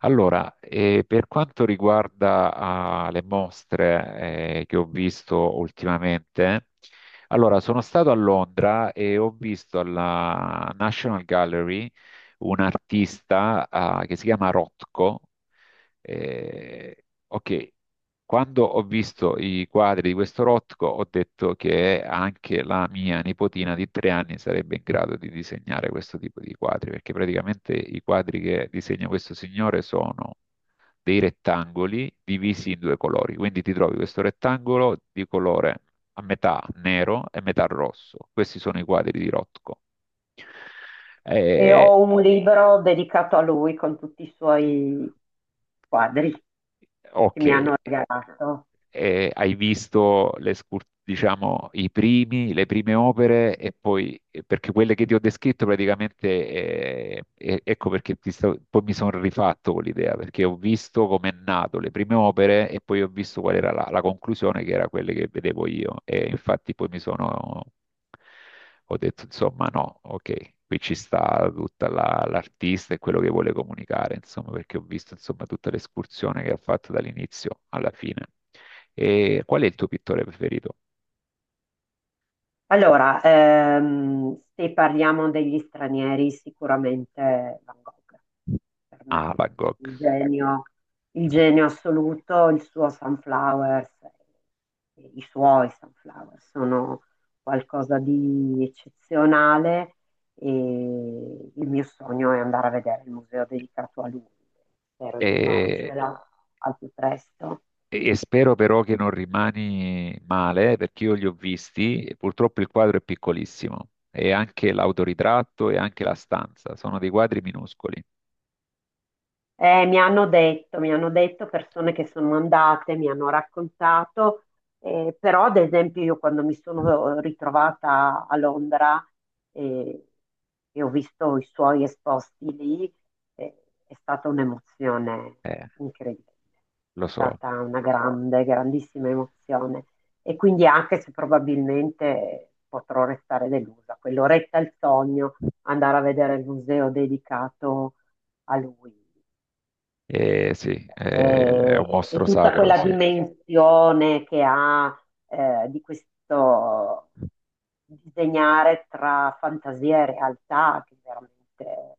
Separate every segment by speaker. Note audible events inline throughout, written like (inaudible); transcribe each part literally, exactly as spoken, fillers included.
Speaker 1: Allora, eh, per quanto riguarda, ah, le mostre, eh, che ho visto ultimamente, allora sono stato a Londra e ho visto alla National Gallery un artista, ah, che si chiama Rothko. Eh, ok, quando ho visto i quadri di questo Rothko, ho detto che anche la mia nipotina di tre anni sarebbe in grado di disegnare questo tipo di quadri, perché praticamente i quadri che disegna questo signore sono dei rettangoli divisi in due colori. Quindi ti trovi questo rettangolo di colore a metà nero e metà rosso. Questi sono i quadri di Rothko.
Speaker 2: E
Speaker 1: Eh,
Speaker 2: ho un libro dedicato a lui con tutti i suoi quadri che
Speaker 1: ok,
Speaker 2: mi hanno regalato.
Speaker 1: eh, hai visto le scur- diciamo, i primi, le prime opere e poi, eh, perché quelle che ti ho descritto praticamente, eh, eh, ecco perché ti sto- poi mi sono rifatto con l'idea, perché ho visto com'è nato le prime opere e poi ho visto qual era la, la conclusione, che era quelle che vedevo io. E infatti poi mi sono, ho detto, insomma, no, ok. Qui ci sta tutta la- l'artista e quello che vuole comunicare, insomma, perché ho visto, insomma, tutta l'escursione che ha fatto dall'inizio alla fine. E qual è il tuo pittore preferito?
Speaker 2: Allora, ehm, se parliamo degli stranieri, sicuramente Van Gogh, per me,
Speaker 1: Ah, Van Gogh.
Speaker 2: il genio, il genio assoluto, il suo Sunflowers, eh, i suoi Sunflowers sono qualcosa di eccezionale e il mio sogno è andare a vedere il museo dedicato a lui. Spero di
Speaker 1: E,
Speaker 2: farcela al più presto.
Speaker 1: e spero però che non rimani male, perché io li ho visti e purtroppo il quadro è piccolissimo. E anche l'autoritratto e anche la stanza sono dei quadri minuscoli.
Speaker 2: Eh, mi hanno detto, mi hanno detto persone che sono andate, mi hanno raccontato, eh, però ad esempio io quando mi sono ritrovata a Londra eh, e ho visto i suoi esposti lì, eh, è stata un'emozione
Speaker 1: Eh,
Speaker 2: incredibile,
Speaker 1: lo
Speaker 2: è
Speaker 1: so.
Speaker 2: stata una grande, grandissima emozione e quindi anche se probabilmente potrò restare delusa, quell'oretta è il sogno, andare a vedere il museo dedicato a lui,
Speaker 1: Eh, sì, eh, è un
Speaker 2: e, e
Speaker 1: mostro
Speaker 2: tutta
Speaker 1: sacro,
Speaker 2: quella
Speaker 1: sì.
Speaker 2: dimensione che ha eh, di questo disegnare tra fantasia e realtà, che è veramente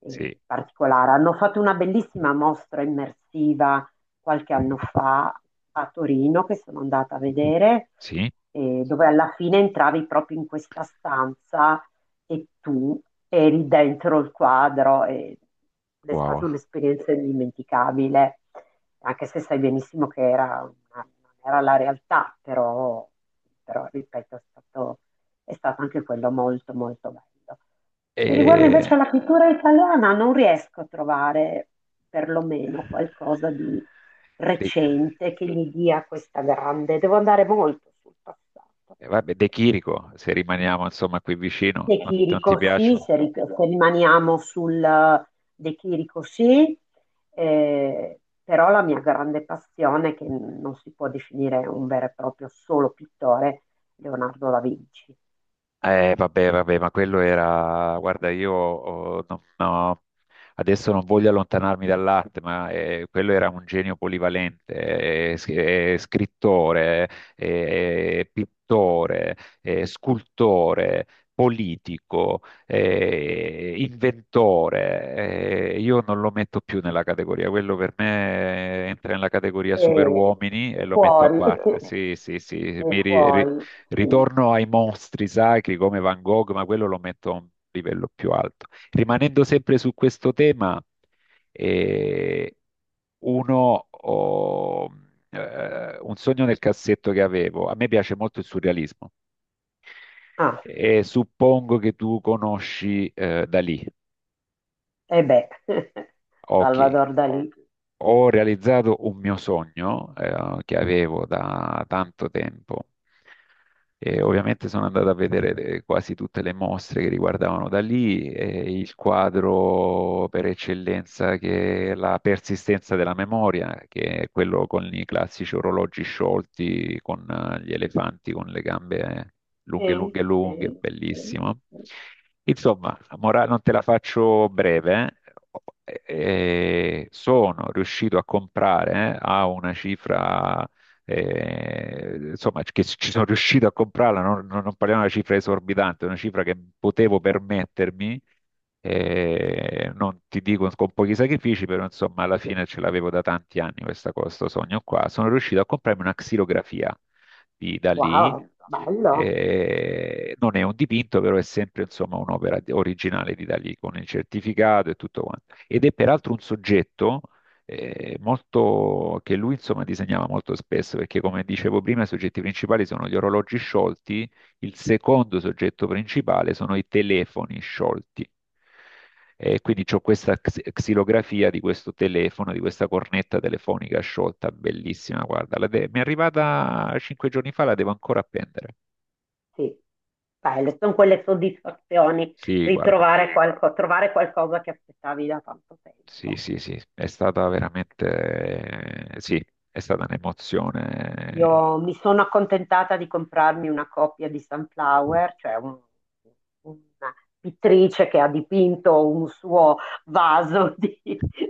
Speaker 2: eh,
Speaker 1: Sì,
Speaker 2: particolare. Hanno fatto una bellissima mostra immersiva qualche anno fa a Torino, che sono andata a vedere,
Speaker 1: sì,
Speaker 2: eh, dove alla fine entravi proprio in questa stanza e tu eri dentro il quadro e ed è stata
Speaker 1: wow.
Speaker 2: un'esperienza indimenticabile, anche se sai benissimo che era una- non era la realtà, però, però, ripeto, è stato, è stato anche quello molto molto bello. E riguardo invece
Speaker 1: E,
Speaker 2: alla pittura italiana, non riesco a trovare perlomeno qualcosa di
Speaker 1: De,
Speaker 2: recente che gli dia questa grande, devo andare molto sul passato.
Speaker 1: eh, vabbè, De Chirico, se rimaniamo insomma qui vicino,
Speaker 2: De
Speaker 1: non, non ti
Speaker 2: Chirico sì,
Speaker 1: piace?
Speaker 2: se, ri- se rimaniamo sul eh, De Chirico sì, eh, però la mia grande passione, che non si può definire un vero e proprio solo pittore, Leonardo da Vinci.
Speaker 1: Eh, vabbè, vabbè, ma quello era, guarda, io oh, no- no, adesso non voglio allontanarmi dall'arte, ma eh, quello era un genio polivalente, eh, s- eh, scrittore, eh, pittore, eh, scultore, politico, eh, inventore. Eh, io non lo metto più nella categoria, quello per me eh, entra nella categoria
Speaker 2: E,
Speaker 1: superuomini e
Speaker 2: e
Speaker 1: lo metto a
Speaker 2: fuori,
Speaker 1: parte.
Speaker 2: (laughs)
Speaker 1: Sì, sì, sì,
Speaker 2: e
Speaker 1: mi ri- ri-
Speaker 2: fuori, sì.
Speaker 1: Ritorno ai mostri sacri come Van Gogh, ma quello lo metto a un livello più alto. Rimanendo sempre su questo tema, eh, uno, oh, eh, un sogno nel cassetto che avevo, a me piace molto il surrealismo
Speaker 2: Ah, sì.
Speaker 1: e suppongo che tu conosci eh, Dalì.
Speaker 2: E beh, (laughs)
Speaker 1: Ok,
Speaker 2: Salvador Dalì.
Speaker 1: ho realizzato un mio sogno, eh, che avevo da tanto tempo. E ovviamente sono andato a vedere le- quasi tutte le mostre che riguardavano da lì, e il quadro per eccellenza che è la persistenza della memoria, che è quello con i classici orologi sciolti, con eh, gli elefanti con le gambe eh, lunghe,
Speaker 2: Sì,
Speaker 1: lunghe, lunghe,
Speaker 2: sì, sì,
Speaker 1: bellissimo.
Speaker 2: sì.
Speaker 1: Insomma, la mora- non te la faccio breve, eh. Eh, sono riuscito a comprare eh, a una cifra, eh, insomma, che ci sono riuscito a comprarla, non, non- non parliamo di una cifra esorbitante, una cifra che potevo permettermi, eh, non ti dico con pochi sacrifici, però insomma alla fine ce l'avevo da tanti anni questa, questo sogno qua, sono riuscito a comprarmi una xilografia di Dalì.
Speaker 2: Wow, bello.
Speaker 1: Eh, non è un dipinto, però è sempre insomma un'opera di- originale di Dalì con il certificato e tutto quanto. Ed è peraltro un soggetto eh, molto, che lui insomma disegnava molto spesso, perché come dicevo prima, i soggetti principali sono gli orologi sciolti, il secondo soggetto principale sono i telefoni sciolti. E quindi ho questa xi- xilografia di questo telefono, di questa cornetta telefonica sciolta, bellissima, guarda, la de- mi è arrivata cinque giorni fa, la devo ancora appendere.
Speaker 2: Sì, Sai, le- sono quelle soddisfazioni
Speaker 1: Sì,
Speaker 2: di
Speaker 1: guarda,
Speaker 2: trovare qualco- trovare qualcosa che aspettavi da tanto
Speaker 1: sì,
Speaker 2: tempo.
Speaker 1: sì, sì, è stata veramente, sì, è stata un'emozione.
Speaker 2: Io mi sono accontentata di comprarmi una copia di Sunflower, cioè un- una pittrice che ha dipinto un suo vaso (laughs) di,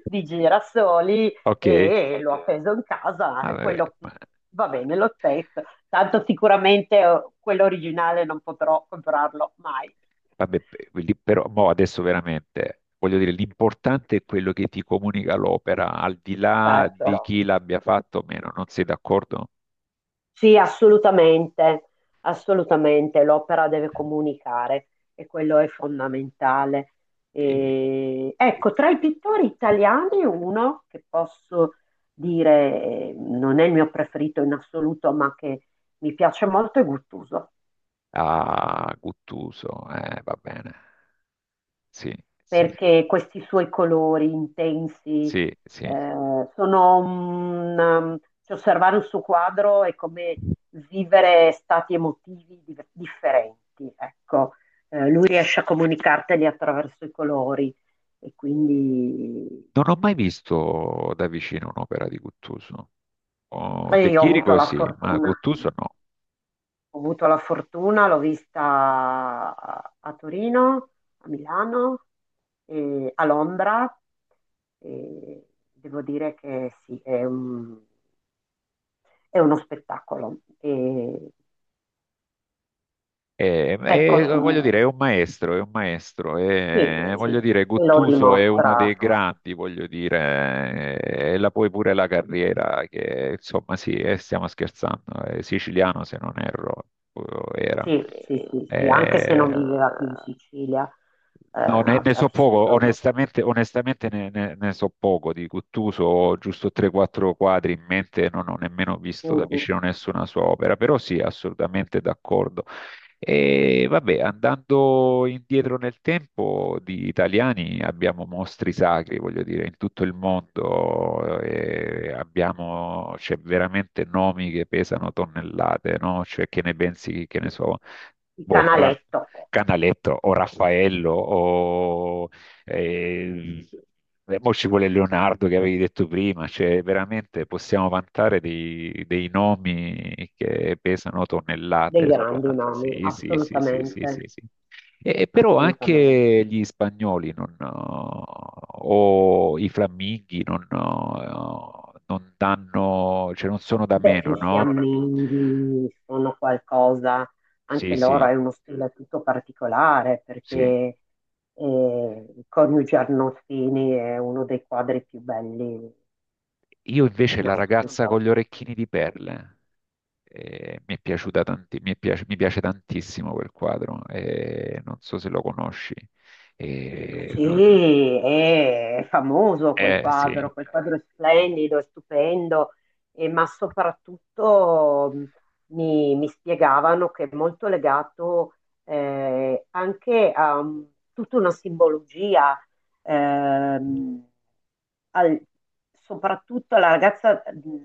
Speaker 2: di girasoli
Speaker 1: Ok,
Speaker 2: e l'ho appeso in casa.
Speaker 1: ma-
Speaker 2: E
Speaker 1: eh,
Speaker 2: quello va bene lo stesso, tanto sicuramente eh, quello originale non potrò comprarlo mai.
Speaker 1: Vabbè, pe- lì però mo adesso veramente voglio dire, l'importante è quello che ti comunica l'opera, al di là
Speaker 2: Certo.
Speaker 1: di
Speaker 2: Però
Speaker 1: chi l'abbia fatto o meno, non sei d'accordo?
Speaker 2: sì, assolutamente, assolutamente, l'opera deve comunicare e quello è fondamentale.
Speaker 1: E-
Speaker 2: E,
Speaker 1: e-
Speaker 2: ecco, tra i pittori italiani uno che posso dire eh, non è il mio preferito in assoluto, ma che mi piace molto è Guttuso.
Speaker 1: Ah, Guttuso, eh, va bene. Sì, sì,
Speaker 2: Perché questi suoi colori intensi
Speaker 1: sì, sì.
Speaker 2: eh, sono un, um, cioè, osservare un suo quadro è come vivere stati emotivi di- differenti, ecco. Eh, lui riesce a comunicarteli attraverso i colori e quindi
Speaker 1: Non ho mai visto da vicino un'opera di Guttuso. Oh,
Speaker 2: e
Speaker 1: De
Speaker 2: io ho avuto
Speaker 1: Chirico
Speaker 2: la
Speaker 1: sì, ma
Speaker 2: fortuna.
Speaker 1: Guttuso no.
Speaker 2: Ho avuto la fortuna, l'ho vista a, a Torino, a Milano, e a Londra e devo dire che sì, è un- è uno spettacolo. E,
Speaker 1: E,
Speaker 2: ecco,
Speaker 1: e, voglio dire,
Speaker 2: mm,
Speaker 1: è un maestro, è un maestro,
Speaker 2: sì,
Speaker 1: e,
Speaker 2: sì,
Speaker 1: voglio dire,
Speaker 2: e lo quello è vero,
Speaker 1: Guttuso è uno dei
Speaker 2: dimostra.
Speaker 1: grandi, voglio dire, e e la poi pure la carriera, che insomma sì, eh, stiamo scherzando, è siciliano se non erro, eh, era.
Speaker 2: Sì, sì, sì, sì, anche se
Speaker 1: Eh,
Speaker 2: non viveva più in Sicilia, eh,
Speaker 1: No, ne,
Speaker 2: ha,
Speaker 1: ne
Speaker 2: ha
Speaker 1: so poco,
Speaker 2: vissuto
Speaker 1: onestamente, onestamente ne, ne- ne so poco di Guttuso, ho giusto tre quattro quadri in mente, non ho nemmeno visto da
Speaker 2: un- un-
Speaker 1: vicino nessuna sua opera, però sì, assolutamente d'accordo. E vabbè, andando indietro nel tempo, di italiani abbiamo mostri sacri, voglio dire, in tutto il mondo, eh, abbiamo, c'è veramente nomi che pesano tonnellate, no? Cioè, che ne pensi, che ne so,
Speaker 2: il
Speaker 1: boh,
Speaker 2: canaletto,
Speaker 1: Canaletto o Raffaello o eh, e poi ci vuole Leonardo che avevi detto prima, cioè veramente possiamo vantare dei, dei nomi che pesano
Speaker 2: dei
Speaker 1: tonnellate sulla...
Speaker 2: grandi nomi,
Speaker 1: Sì, sì, sì, sì, sì, sì,
Speaker 2: assolutamente,
Speaker 1: sì. E, però
Speaker 2: assolutamente.
Speaker 1: anche gli spagnoli non, eh, o i fiamminghi non, eh, non danno, cioè non sono da
Speaker 2: Beh,
Speaker 1: meno,
Speaker 2: i
Speaker 1: no?
Speaker 2: fiamminghi sono qualcosa,
Speaker 1: Sì,
Speaker 2: anche loro
Speaker 1: sì,
Speaker 2: è uno stile tutto particolare perché
Speaker 1: sì.
Speaker 2: eh, il coniuge Arnolfini è uno dei quadri più belli
Speaker 1: Io invece
Speaker 2: in
Speaker 1: la ragazza
Speaker 2: assoluto.
Speaker 1: con gli orecchini di perle, eh, mi è piaciuta tanti- mi è piace, mi piace tantissimo quel quadro, eh, non so se lo conosci. Eh, no, no.
Speaker 2: Sì, è famoso quel
Speaker 1: Eh, sì.
Speaker 2: quadro, quel quadro è splendido, è stupendo, e- ma soprattutto mh, mi, mi spiegavano che è molto legato eh, anche a mh, tutta una simbologia, ehm, al- soprattutto alla ragazza mh,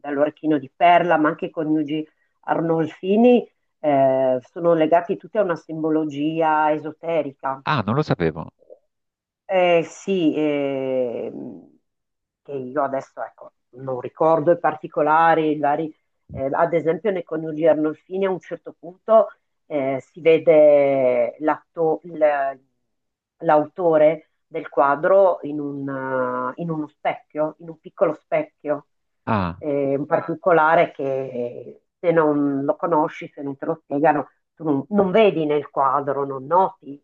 Speaker 2: dall'orecchino di perla, ma anche i coniugi Arnolfini eh, sono legati tutti a una simbologia esoterica.
Speaker 1: Ah, non lo sapevo.
Speaker 2: Eh, sì, ehm, che io adesso ecco, non ricordo i particolari, magari, eh, ad esempio nei coniugi Arnolfini a un certo punto eh, si vede l'atto- il- l'autore del quadro in, un, eh, in uno specchio, in un piccolo specchio,
Speaker 1: Ah,
Speaker 2: eh, un particolare che eh, se non lo conosci, se non te lo spiegano, tu non, non vedi nel quadro, non noti.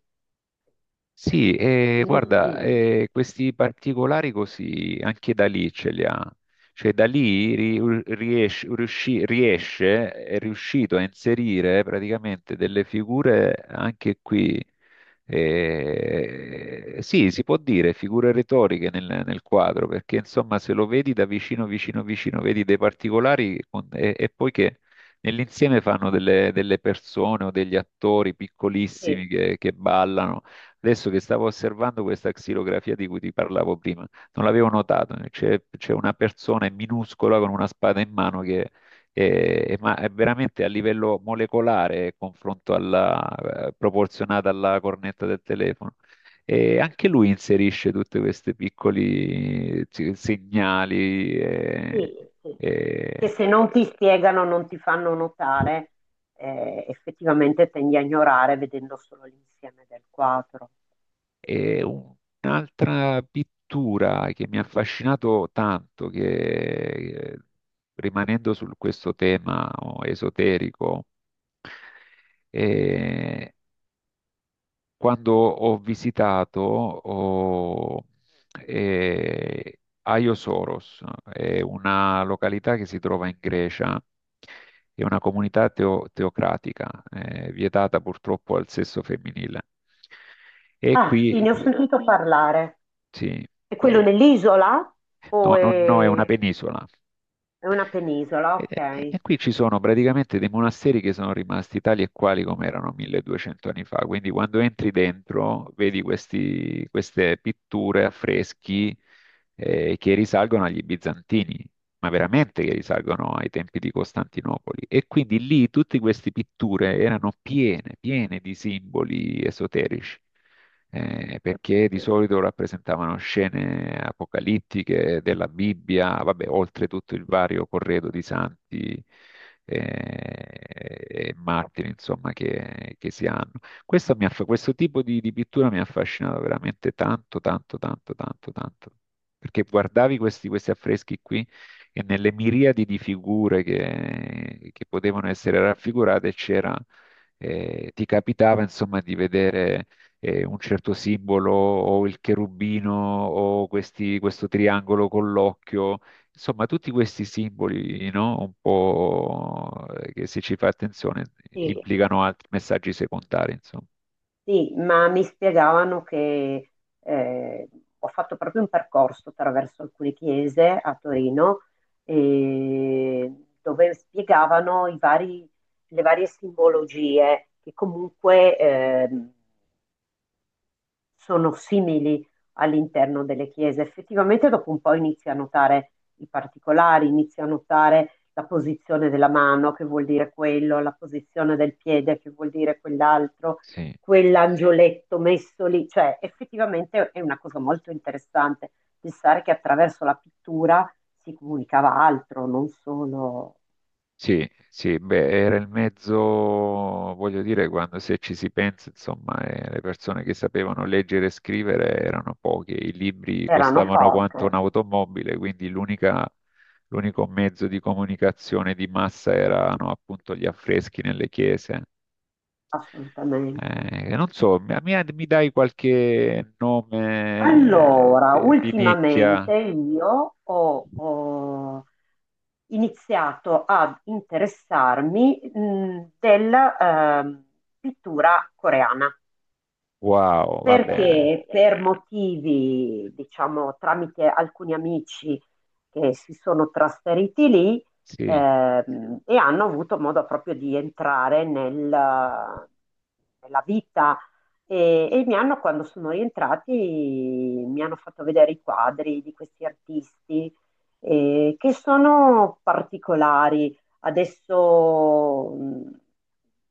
Speaker 1: Sì, eh, guarda,
Speaker 2: Quindi
Speaker 1: eh, questi particolari così anche da lì ce li ha. Cioè da lì ri- riesce, riusci- riesce- è riuscito a inserire praticamente delle figure anche qui, eh, sì, si può dire figure retoriche nel, nel quadro, perché insomma se lo vedi da vicino, vicino, vicino, vedi dei particolari con- e, e poi che nell'insieme fanno delle, delle persone o degli attori piccolissimi
Speaker 2: sì, sì,
Speaker 1: che che ballano. Adesso che stavo osservando questa xilografia di cui ti parlavo prima, non l'avevo notato, eh, c'è c'è una persona minuscola con una spada in mano che è, è, ma è veramente a livello molecolare confronto alla, eh, proporzionata alla cornetta del telefono. E anche lui inserisce tutti questi piccoli eh, segnali. eh,
Speaker 2: sì, sì. Che
Speaker 1: eh,
Speaker 2: se non ti spiegano, non ti fanno notare, eh, effettivamente tendi a ignorare vedendo solo l'insieme del quadro.
Speaker 1: E un'altra pittura che mi ha affascinato tanto, che eh, rimanendo su questo tema oh, esoterico, eh, quando ho visitato oh, eh, Aio Soros, è una località che si trova in Grecia, è una comunità teo- teocratica, eh, vietata purtroppo al sesso femminile. E
Speaker 2: Ah, sì,
Speaker 1: qui,
Speaker 2: ne ho quello sentito qui parlare.
Speaker 1: sì,
Speaker 2: È quello nell'isola o
Speaker 1: No, non, no, è una
Speaker 2: è,
Speaker 1: penisola.
Speaker 2: è una penisola?
Speaker 1: E, e-
Speaker 2: Ok.
Speaker 1: e qui ci sono praticamente dei monasteri che sono rimasti tali e quali come erano milleduecento anni fa. Quindi quando entri dentro vedi questi- queste pitture, affreschi eh, che risalgono agli bizantini, ma veramente che risalgono ai tempi di Costantinopoli. E quindi lì tutte queste pitture erano piene, piene di simboli esoterici eh, perché di
Speaker 2: Sì,
Speaker 1: solito rappresentavano scene apocalittiche della Bibbia, vabbè, oltre tutto il vario corredo di santi eh, e martiri, insomma, che, che si hanno. Questo, mi aff- questo tipo di, di pittura mi ha affascinato veramente tanto, tanto, tanto, tanto, tanto, perché guardavi questi, questi affreschi qui e nelle miriadi di figure che, che potevano essere raffigurate c'era, eh, ti capitava, insomma, di vedere eh, un certo simbolo o il cherubino o questi- questo triangolo con l'occhio, insomma tutti questi simboli, no? Un po' eh, che se ci fai attenzione
Speaker 2: sì,
Speaker 1: implicano altri messaggi secondari, insomma.
Speaker 2: sì, ma mi spiegavano che eh, ho fatto proprio un percorso attraverso alcune chiese a Torino eh, dove spiegavano i vari- le varie simbologie che comunque ehm, sono simili all'interno delle chiese. Effettivamente dopo un po' inizia a notare i particolari, inizia a notare la posizione della mano, che vuol dire quello, la posizione del piede, che vuol dire quell'altro,
Speaker 1: Sì.
Speaker 2: quell'angioletto messo lì. Cioè, effettivamente è una cosa molto interessante pensare che attraverso la pittura si comunicava altro, non solo
Speaker 1: Sì, sì, beh, era il mezzo, voglio dire, quando se ci si pensa, insomma, eh, le persone che sapevano leggere e scrivere erano poche, i libri
Speaker 2: erano
Speaker 1: costavano quanto
Speaker 2: poche,
Speaker 1: un'automobile, quindi l'unica- l'unico mezzo di comunicazione di massa erano appunto gli affreschi nelle chiese.
Speaker 2: assolutamente.
Speaker 1: Eh, non so, mi, mi- mi dai qualche nome eh,
Speaker 2: Allora,
Speaker 1: di, di nicchia?
Speaker 2: ultimamente io ho, ho iniziato ad interessarmi mh, della ehm, pittura coreana.
Speaker 1: Wow, va bene,
Speaker 2: Perché per motivi, diciamo, tramite alcuni amici che si sono trasferiti lì,
Speaker 1: sì.
Speaker 2: ehm, e hanno avuto modo proprio di entrare nel- nella vita e, e mi hanno, quando sono rientrati, mi hanno fatto vedere i quadri di questi artisti eh, che sono particolari. Adesso mh,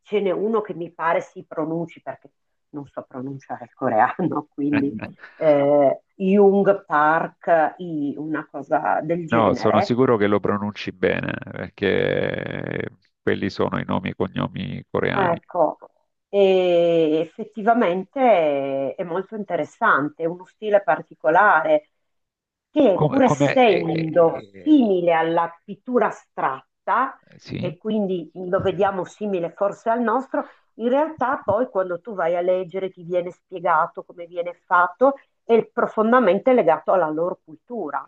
Speaker 2: ce n'è uno che mi pare si pronunci perché non so pronunciare il coreano, (laughs) quindi
Speaker 1: (laughs)
Speaker 2: eh, Jung Park, I, una cosa del
Speaker 1: No, sono
Speaker 2: genere.
Speaker 1: sicuro che lo pronunci bene, perché quelli sono i nomi e cognomi coreani.
Speaker 2: Ecco, e effettivamente è, è molto interessante, è uno stile particolare che
Speaker 1: Come,
Speaker 2: pur
Speaker 1: come- eh,
Speaker 2: essendo
Speaker 1: eh,
Speaker 2: simile alla pittura astratta,
Speaker 1: eh, sì?
Speaker 2: e quindi lo vediamo simile forse al nostro, in realtà poi quando tu vai a leggere ti viene spiegato come viene fatto, è profondamente legato alla loro cultura,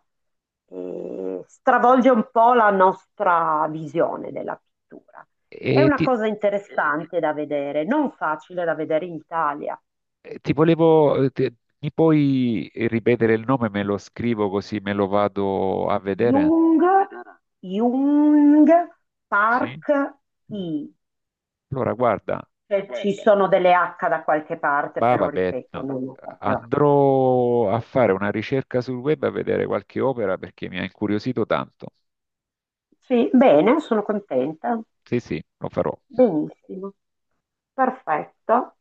Speaker 2: eh, stravolge un po' la nostra visione della pittura. È
Speaker 1: E
Speaker 2: una
Speaker 1: ti,
Speaker 2: cosa interessante da vedere, non facile da vedere in Italia.
Speaker 1: eh, ti volevo, ti- mi puoi ripetere il nome? Me lo scrivo così me lo vado a vedere?
Speaker 2: Jung, Jung,
Speaker 1: Sì?
Speaker 2: Park, I.
Speaker 1: Allora, guarda,
Speaker 2: Cioè, ci sono delle acca da qualche parte,
Speaker 1: bah,
Speaker 2: però
Speaker 1: vabbè,
Speaker 2: ripeto,
Speaker 1: no.
Speaker 2: non ho proprio.
Speaker 1: Andrò a fare una ricerca sul web a vedere qualche opera perché mi ha incuriosito tanto.
Speaker 2: Sì, bene, sono contenta.
Speaker 1: Sì, sì, lo farò.
Speaker 2: Benissimo. Perfetto.